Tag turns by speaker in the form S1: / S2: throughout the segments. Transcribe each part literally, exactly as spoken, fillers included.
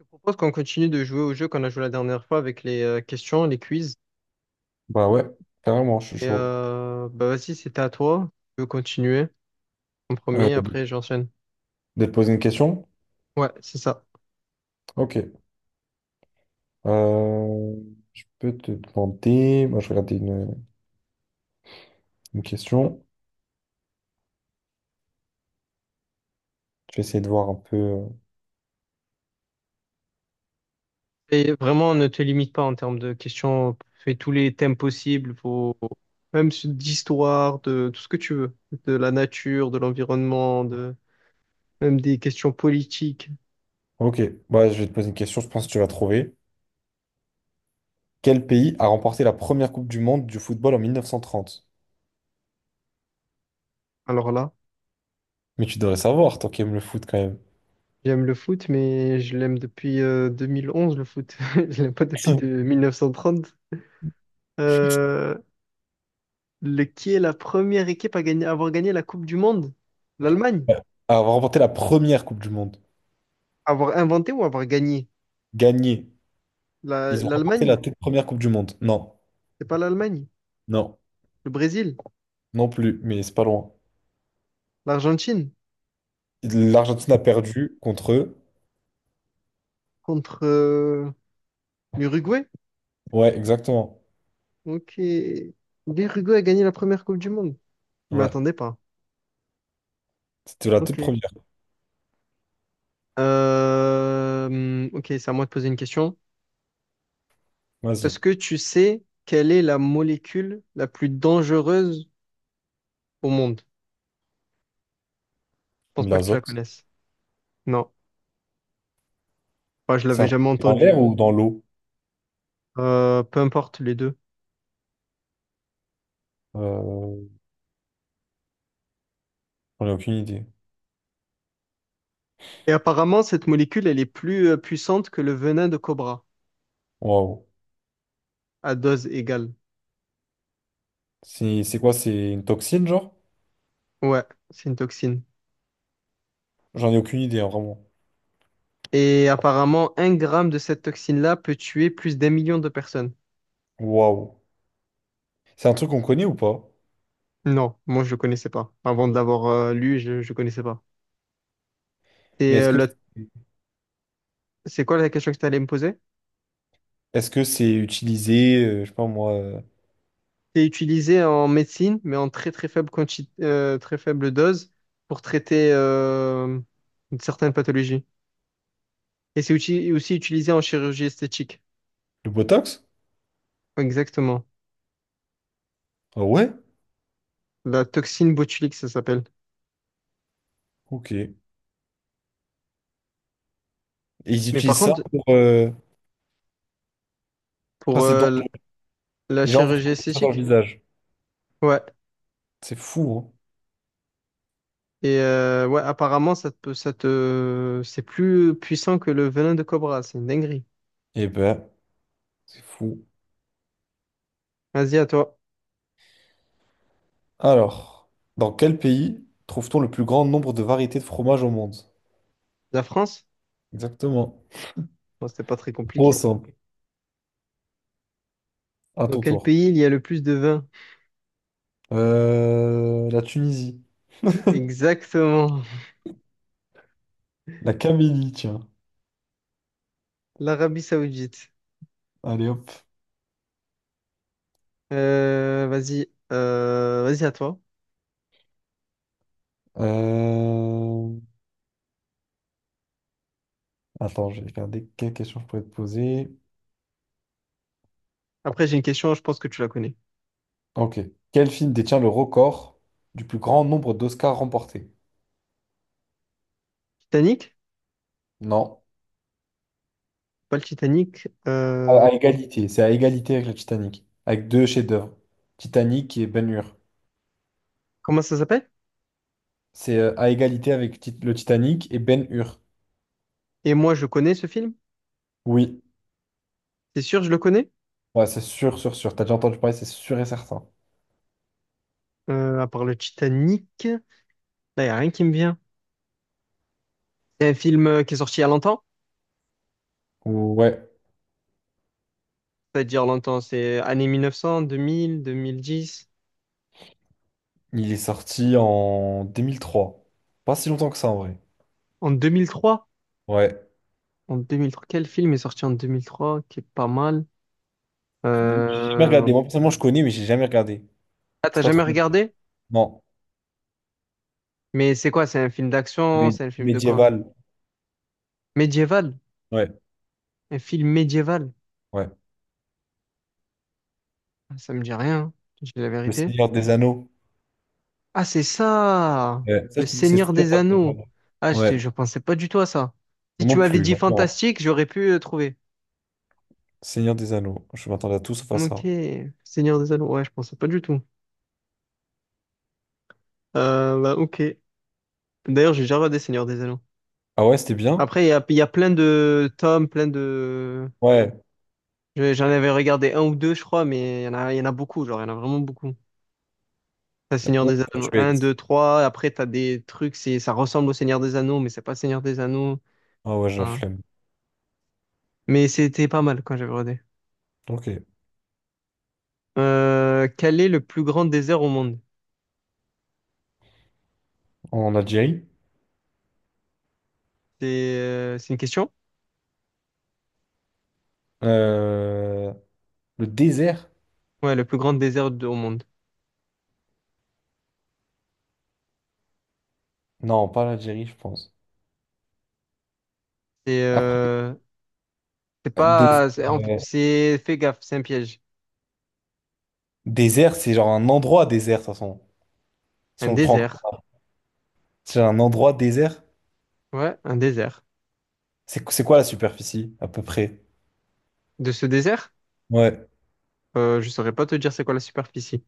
S1: Je propose qu'on continue de jouer au jeu qu'on a joué la dernière fois avec les euh, questions, les quiz.
S2: Bah ouais, carrément, je suis
S1: Et
S2: chaud.
S1: euh, bah vas-y, c'était à toi. Je veux continuer en
S2: Euh,
S1: premier,
S2: de,
S1: après j'enchaîne.
S2: de te poser une question?
S1: Ouais, c'est ça.
S2: Ok. Euh, je peux te demander. Moi, je vais regarder une, une question. Je vais essayer de voir un peu. euh,
S1: Et vraiment, ne te limite pas en termes de questions. Fais tous les thèmes possibles, faut... même su- d'histoire, de tout ce que tu veux, de la nature, de l'environnement, de même des questions politiques.
S2: Ok, bah, je vais te poser une question, je pense que tu vas trouver. Quel pays a remporté la première Coupe du Monde du football en mille neuf cent trente?
S1: Alors là,
S2: Mais tu devrais savoir, toi qui aimes le foot quand même.
S1: j'aime le foot, mais je l'aime depuis euh, deux mille onze, le foot. Je l'aime pas depuis de- mille neuf cent trente. Le, qui est la première équipe à gagner, à avoir gagné la Coupe du Monde? L'Allemagne.
S2: Ouais. A remporté la première Coupe du Monde.
S1: Avoir inventé ou avoir gagné?
S2: Gagné.
S1: La-
S2: Ils ont remporté
S1: L'Allemagne?
S2: la toute première Coupe du Monde. Non,
S1: C'est pas l'Allemagne.
S2: non,
S1: Le Brésil?
S2: non plus, mais c'est pas loin.
S1: L'Argentine?
S2: L'Argentine a perdu contre eux.
S1: Contre euh, l'Uruguay?
S2: Ouais, exactement.
S1: Ok. L'Uruguay a gagné la première Coupe du Monde. Je
S2: Ouais.
S1: m'y pas.
S2: C'était la toute
S1: Ok.
S2: première.
S1: Euh, hum, ok, c'est à moi de poser une question. Est-ce
S2: Vas-y.
S1: que tu sais quelle est la molécule la plus dangereuse au monde? Je pense
S2: De
S1: pas que tu la
S2: l'azote.
S1: connaisses. Non. Moi, je
S2: C'est
S1: l'avais
S2: un...
S1: jamais
S2: dans l'air
S1: entendue.
S2: ou dans l'eau?
S1: Euh, peu importe les deux.
S2: Euh, J'en ai aucune idée.
S1: Et apparemment, cette molécule, elle est plus euh, puissante que le venin de cobra,
S2: Waouh.
S1: à dose égale.
S2: C'est c'est quoi? C'est une toxine, genre?
S1: Ouais, c'est une toxine.
S2: J'en ai aucune idée, hein, vraiment.
S1: Et apparemment, un gramme de cette toxine-là peut tuer plus d'un million de personnes.
S2: Waouh. C'est un truc qu'on connaît ou pas?
S1: Non, moi, je ne connaissais pas. Avant de l'avoir euh, lu, je ne connaissais pas.
S2: Mais
S1: Et
S2: est-ce
S1: euh,
S2: que
S1: le- c'est quoi la question que tu allais me poser?
S2: est-ce que c'est utilisé, euh, je sais pas moi, euh,
S1: C'est utilisé en médecine, mais en très très faible quanti- euh, très faible dose pour traiter euh, certaines pathologies. Et c'est uti- aussi utilisé en chirurgie esthétique.
S2: le Botox?
S1: Exactement.
S2: Ah ouais?
S1: La toxine botulique, ça s'appelle.
S2: Ok. Et ils
S1: Mais par
S2: utilisent ça
S1: contre,
S2: pour... euh, enfin,
S1: pour
S2: c'est
S1: euh,
S2: dangereux.
S1: la
S2: Les gens vont se
S1: chirurgie
S2: mettre ça dans le
S1: esthétique,
S2: visage.
S1: ouais.
S2: C'est fou, hein?
S1: Et euh, ouais, apparemment, ça te, peut- ça te, c'est plus puissant que le venin de cobra. C'est une dinguerie.
S2: Eh ben, c'est fou.
S1: Vas-y, à toi.
S2: Alors, dans quel pays trouve-t-on le plus grand nombre de variétés de fromage au monde?
S1: La France?
S2: Exactement.
S1: Bon, c'était pas très
S2: Trop
S1: compliqué.
S2: simple. À
S1: Dans
S2: ton
S1: quel
S2: tour.
S1: pays il y a le plus de vin?
S2: Euh, la Tunisie.
S1: Exactement.
S2: La Camélie, tiens.
S1: L'Arabie Saoudite.
S2: Allez hop.
S1: Euh, vas-y, euh, vas-y, à toi.
S2: Euh, Attends, je vais regarder quelle question je pourrais te poser.
S1: Après, j'ai une question, je pense que tu la connais.
S2: Ok. Quel film détient le record du plus grand nombre d'Oscars remportés?
S1: Titanic?
S2: Non.
S1: Pas le Titanic. Euh,
S2: À, à égalité. C'est à égalité avec le Titanic. Avec deux chefs-d'œuvre. Titanic et Ben-Hur.
S1: comment ça s'appelle?
S2: C'est euh, à égalité avec Tit- le Titanic et Ben-Hur.
S1: Et moi, je connais ce film?
S2: Oui.
S1: C'est sûr, je le connais?
S2: Ouais, c'est sûr, sûr, sûr. T'as déjà entendu parler, c'est sûr et certain.
S1: Euh, à part le Titanic. Là, y a rien qui me vient. C'est un film euh, qui est sorti il y a longtemps?
S2: Ouais,
S1: C'est-à-dire longtemps, c'est années mille neuf cent, deux mille, deux mille dix.
S2: il est sorti en deux mille trois. Pas si longtemps que ça, en vrai.
S1: En deux mille trois?
S2: Ouais.
S1: En deux mille trois, quel film est sorti en deux mille trois qui est pas mal?
S2: J'ai jamais regardé.
S1: Euh...
S2: Moi, personnellement, je connais, mais j'ai jamais regardé.
S1: Ah,
S2: C'est
S1: t'as
S2: pas trop
S1: jamais
S2: mon truc.
S1: regardé?
S2: Non.
S1: Mais c'est quoi? C'est un film d'action?
S2: Mé-
S1: C'est un film de quoi?
S2: médiéval.
S1: Médiéval?
S2: Ouais,
S1: Un film médiéval?
S2: ouais.
S1: Ah, ça me dit rien, hein. Je dis la
S2: Le
S1: vérité.
S2: Seigneur des Anneaux.
S1: Ah, c'est ça!
S2: Ouais. Ça,
S1: Le
S2: je te dis,
S1: Seigneur
S2: c'est sûr,
S1: des
S2: t'as pas
S1: Anneaux.
S2: regardé.
S1: Ah, je,
S2: Ouais.
S1: je pensais pas du tout à ça. Si
S2: Moi
S1: tu
S2: non
S1: m'avais
S2: plus,
S1: dit
S2: vraiment.
S1: fantastique, j'aurais pu euh, trouver.
S2: Seigneur des Anneaux. Je m'attendais à tout sauf à
S1: Ok,
S2: ça.
S1: Seigneur des Anneaux, ouais, je pensais pas du tout. Euh, bah, ok. D'ailleurs, j'ai déjà regardé Seigneur des Anneaux.
S2: Ah ouais, c'était bien?
S1: Après, il y a, il y a plein de tomes, plein de...
S2: Ouais.
S1: je- J'en avais regardé un ou deux, je crois, mais il y en a, il y en a beaucoup, genre, il y en a vraiment beaucoup. T'as
S2: Il y a
S1: Seigneur
S2: onze
S1: des Anneaux Un, deux,
S2: statuettes.
S1: trois. Après, t'as des trucs, c'est, ça ressemble au Seigneur des Anneaux, mais c'est pas Seigneur des Anneaux.
S2: Ah ouais, j'ai la
S1: Hein.
S2: flemme.
S1: Mais c'était pas mal quand j'avais regardé.
S2: Ok.
S1: Euh, quel est le plus grand désert au monde?
S2: En Algérie.
S1: C'est euh, c'est une question?
S2: Euh, Le désert?
S1: Ouais, le plus grand désert de- au monde.
S2: Non, pas l'Algérie, je pense.
S1: C'est
S2: Après,
S1: euh, C'est
S2: dés-
S1: pas, c'est, en-
S2: euh,
S1: c'est- Fais gaffe, c'est un piège.
S2: désert, c'est genre un endroit désert, de toute façon. Si
S1: Un
S2: on le prend,
S1: désert.
S2: c'est un endroit désert.
S1: Ouais, un désert.
S2: C'est qu- c'est quoi la superficie, à peu près?
S1: De ce désert,
S2: Ouais.
S1: euh, je saurais pas te dire c'est quoi la superficie,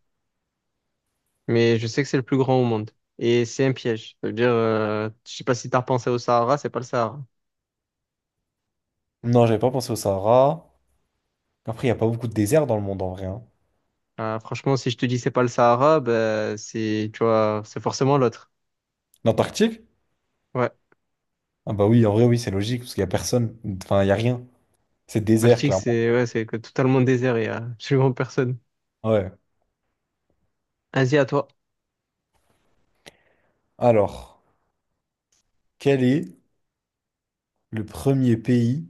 S1: mais je sais que c'est le plus grand au monde. Et c'est un piège. Ça veut dire, euh, je sais pas si t'as repensé au Sahara, c'est pas le Sahara.
S2: Non, j'avais pas pensé au Sahara. Après, il n'y a pas beaucoup de déserts dans le monde, en vrai, hein.
S1: Euh, franchement, si je te dis c'est pas le Sahara, ben, c'est, tu vois, c'est forcément l'autre.
S2: L'Antarctique?
S1: Ouais.
S2: Ah bah oui, en vrai, oui, c'est logique, parce qu'il n'y a personne. Enfin, il n'y a rien. C'est désert,
S1: L'Arctique,
S2: clairement.
S1: c'est, ouais, c'est que totalement désert et y a absolument personne.
S2: Ouais.
S1: Asie, à toi.
S2: Alors, quel est le premier pays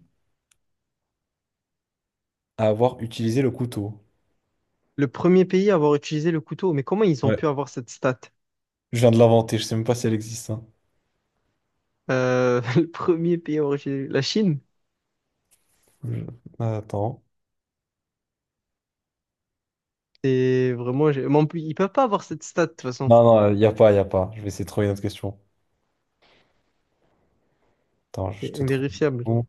S2: à avoir utilisé le couteau?
S1: Le premier pays à avoir utilisé le couteau, mais comment ils ont
S2: Ouais.
S1: pu avoir cette stat?
S2: Je viens de l'inventer, je sais même pas si elle existe, hein.
S1: Euh, le premier pays à avoir utilisé, la Chine?
S2: Je- attends.
S1: C'est vraiment. j'ai- Mais en plus, ils peuvent pas avoir cette stat, de toute façon.
S2: Non, non, il n'y a pas, il n'y a pas. Je vais essayer de trouver une autre question. Attends, je
S1: C'est
S2: te trouve.
S1: invérifiable.
S2: Bon,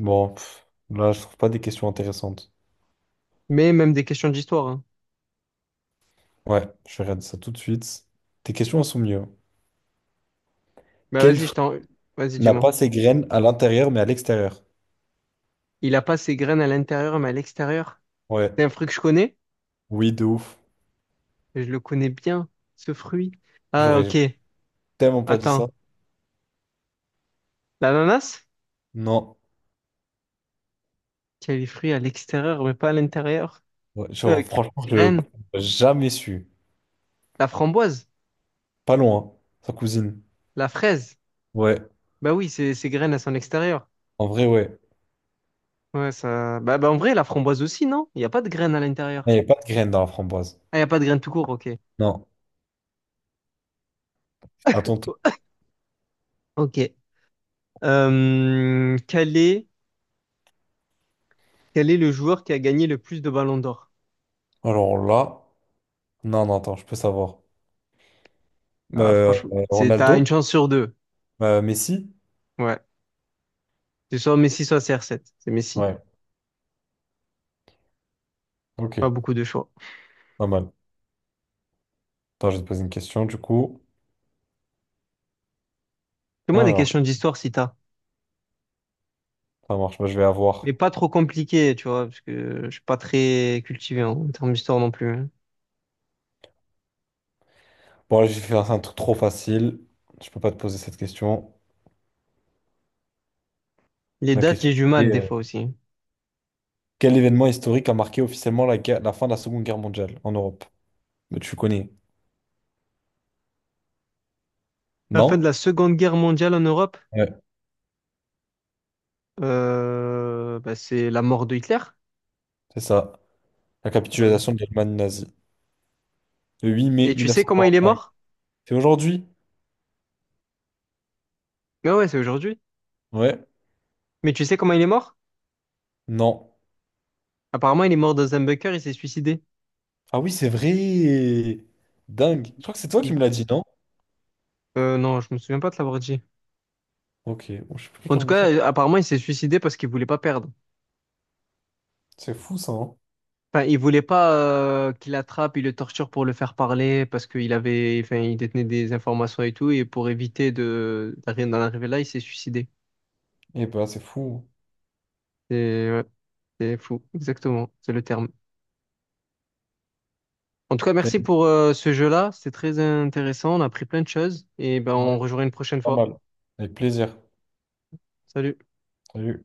S2: Bon, pff, là, je trouve pas des questions intéressantes.
S1: Mais même des questions d'histoire, hein.
S2: Ouais, je regarde ça tout de suite. Tes questions, elles sont mieux.
S1: Bah,
S2: Quel
S1: vas-y, je
S2: fruit
S1: t'en. Vas-y,
S2: n'a
S1: dis-moi.
S2: pas ses graines à l'intérieur mais à l'extérieur?
S1: Il a pas ses graines à l'intérieur, mais à l'extérieur.
S2: Ouais,
S1: C'est un fruit que je connais.
S2: oui, de ouf.
S1: Je le connais bien, ce fruit. Ah,
S2: J'aurais
S1: ok.
S2: tellement pas dit ça.
S1: Attends. L'ananas?
S2: Non.
S1: Qui a les fruits à l'extérieur, mais pas à l'intérieur.
S2: Ouais,
S1: Euh,
S2: genre,
S1: qui a
S2: franchement,
S1: les
S2: je
S1: graines?
S2: jamais su.
S1: La framboise?
S2: Pas loin, hein, sa cousine.
S1: La fraise?
S2: Ouais,
S1: Bah oui, c'est ses graines, elles sont à l'extérieur.
S2: en vrai, ouais.
S1: Ouais, ça. Bah, bah, en vrai, la framboise aussi, non? Il n'y a pas de graines à
S2: Il
S1: l'intérieur.
S2: n'y a pas de graines dans la framboise.
S1: Ah, il n'y a pas de graines tout court, ok.
S2: Non. Attends. t-
S1: Oh, ok. Euh, quel est, quel est le joueur qui a gagné le plus de ballons d'or?
S2: Alors là. Non, non, attends, je peux savoir.
S1: Ah,
S2: Euh,
S1: franchement,
S2: euh,
S1: c'est, t'as une
S2: Ronaldo?
S1: chance sur deux.
S2: Euh, Messi?
S1: Ouais. C'est soit Messi, soit C R sept. C'est Messi.
S2: Ouais, ok,
S1: Pas beaucoup de choix.
S2: pas mal. Attends, je vais te poser une question du coup.
S1: Fais-moi des
S2: Alors,
S1: questions d'histoire si t'as.
S2: ça marche. Moi, je vais
S1: Mais
S2: avoir.
S1: pas trop compliquées, tu vois, parce que je suis pas très cultivé en termes d'histoire non plus, hein.
S2: Bon, là, j'ai fait un truc trop facile. Je peux pas te poser cette question.
S1: Les
S2: La
S1: dates,
S2: question
S1: j'ai du mal
S2: c'était
S1: des
S2: euh,
S1: fois aussi.
S2: quel événement historique a marqué officiellement la, guerre- la fin de la Seconde Guerre mondiale en Europe? Mais tu connais,
S1: La fin de
S2: non?
S1: la Seconde Guerre mondiale en Europe,
S2: Ouais,
S1: euh, bah, c'est la mort de Hitler.
S2: c'est ça. La
S1: Ah oui.
S2: capitulation de l'Allemagne nazie. Le huit mai
S1: Et
S2: mille
S1: tu
S2: neuf
S1: sais
S2: cent
S1: comment il est
S2: quarante-cinq.
S1: mort?
S2: C'est aujourd'hui?
S1: Ouais, ouais, c'est aujourd'hui.
S2: Ouais,
S1: Mais tu sais comment il est mort?
S2: non.
S1: Apparemment, il est mort dans un bunker, il s'est suicidé.
S2: Ah oui, c'est vrai!
S1: Il-
S2: Dingue. Je crois que c'est toi qui
S1: il-
S2: me l'as dit, non?
S1: euh, non, je me souviens pas de l'avoir dit.
S2: Ok, bon, je sais plus
S1: En
S2: qui
S1: tout
S2: me l'a dit.
S1: cas, euh, apparemment, il s'est suicidé parce qu'il voulait pas perdre.
S2: C'est fou ça, hein?
S1: Enfin, il voulait pas euh, qu'il attrape, il le torture pour le faire parler parce qu'il avait, enfin, il détenait des informations et tout, et pour éviter de d'arri- d'en arriver là, il s'est suicidé.
S2: Et bah c'est fou.
S1: C'est ouais, c'est fou, exactement, c'est le terme. En tout cas, merci
S2: T'as-
S1: pour euh, ce jeu-là, c'était très intéressant, on a appris plein de choses, et ben
S2: ouais,
S1: on rejouera une prochaine fois.
S2: normal. Avec plaisir.
S1: Salut.
S2: Salut.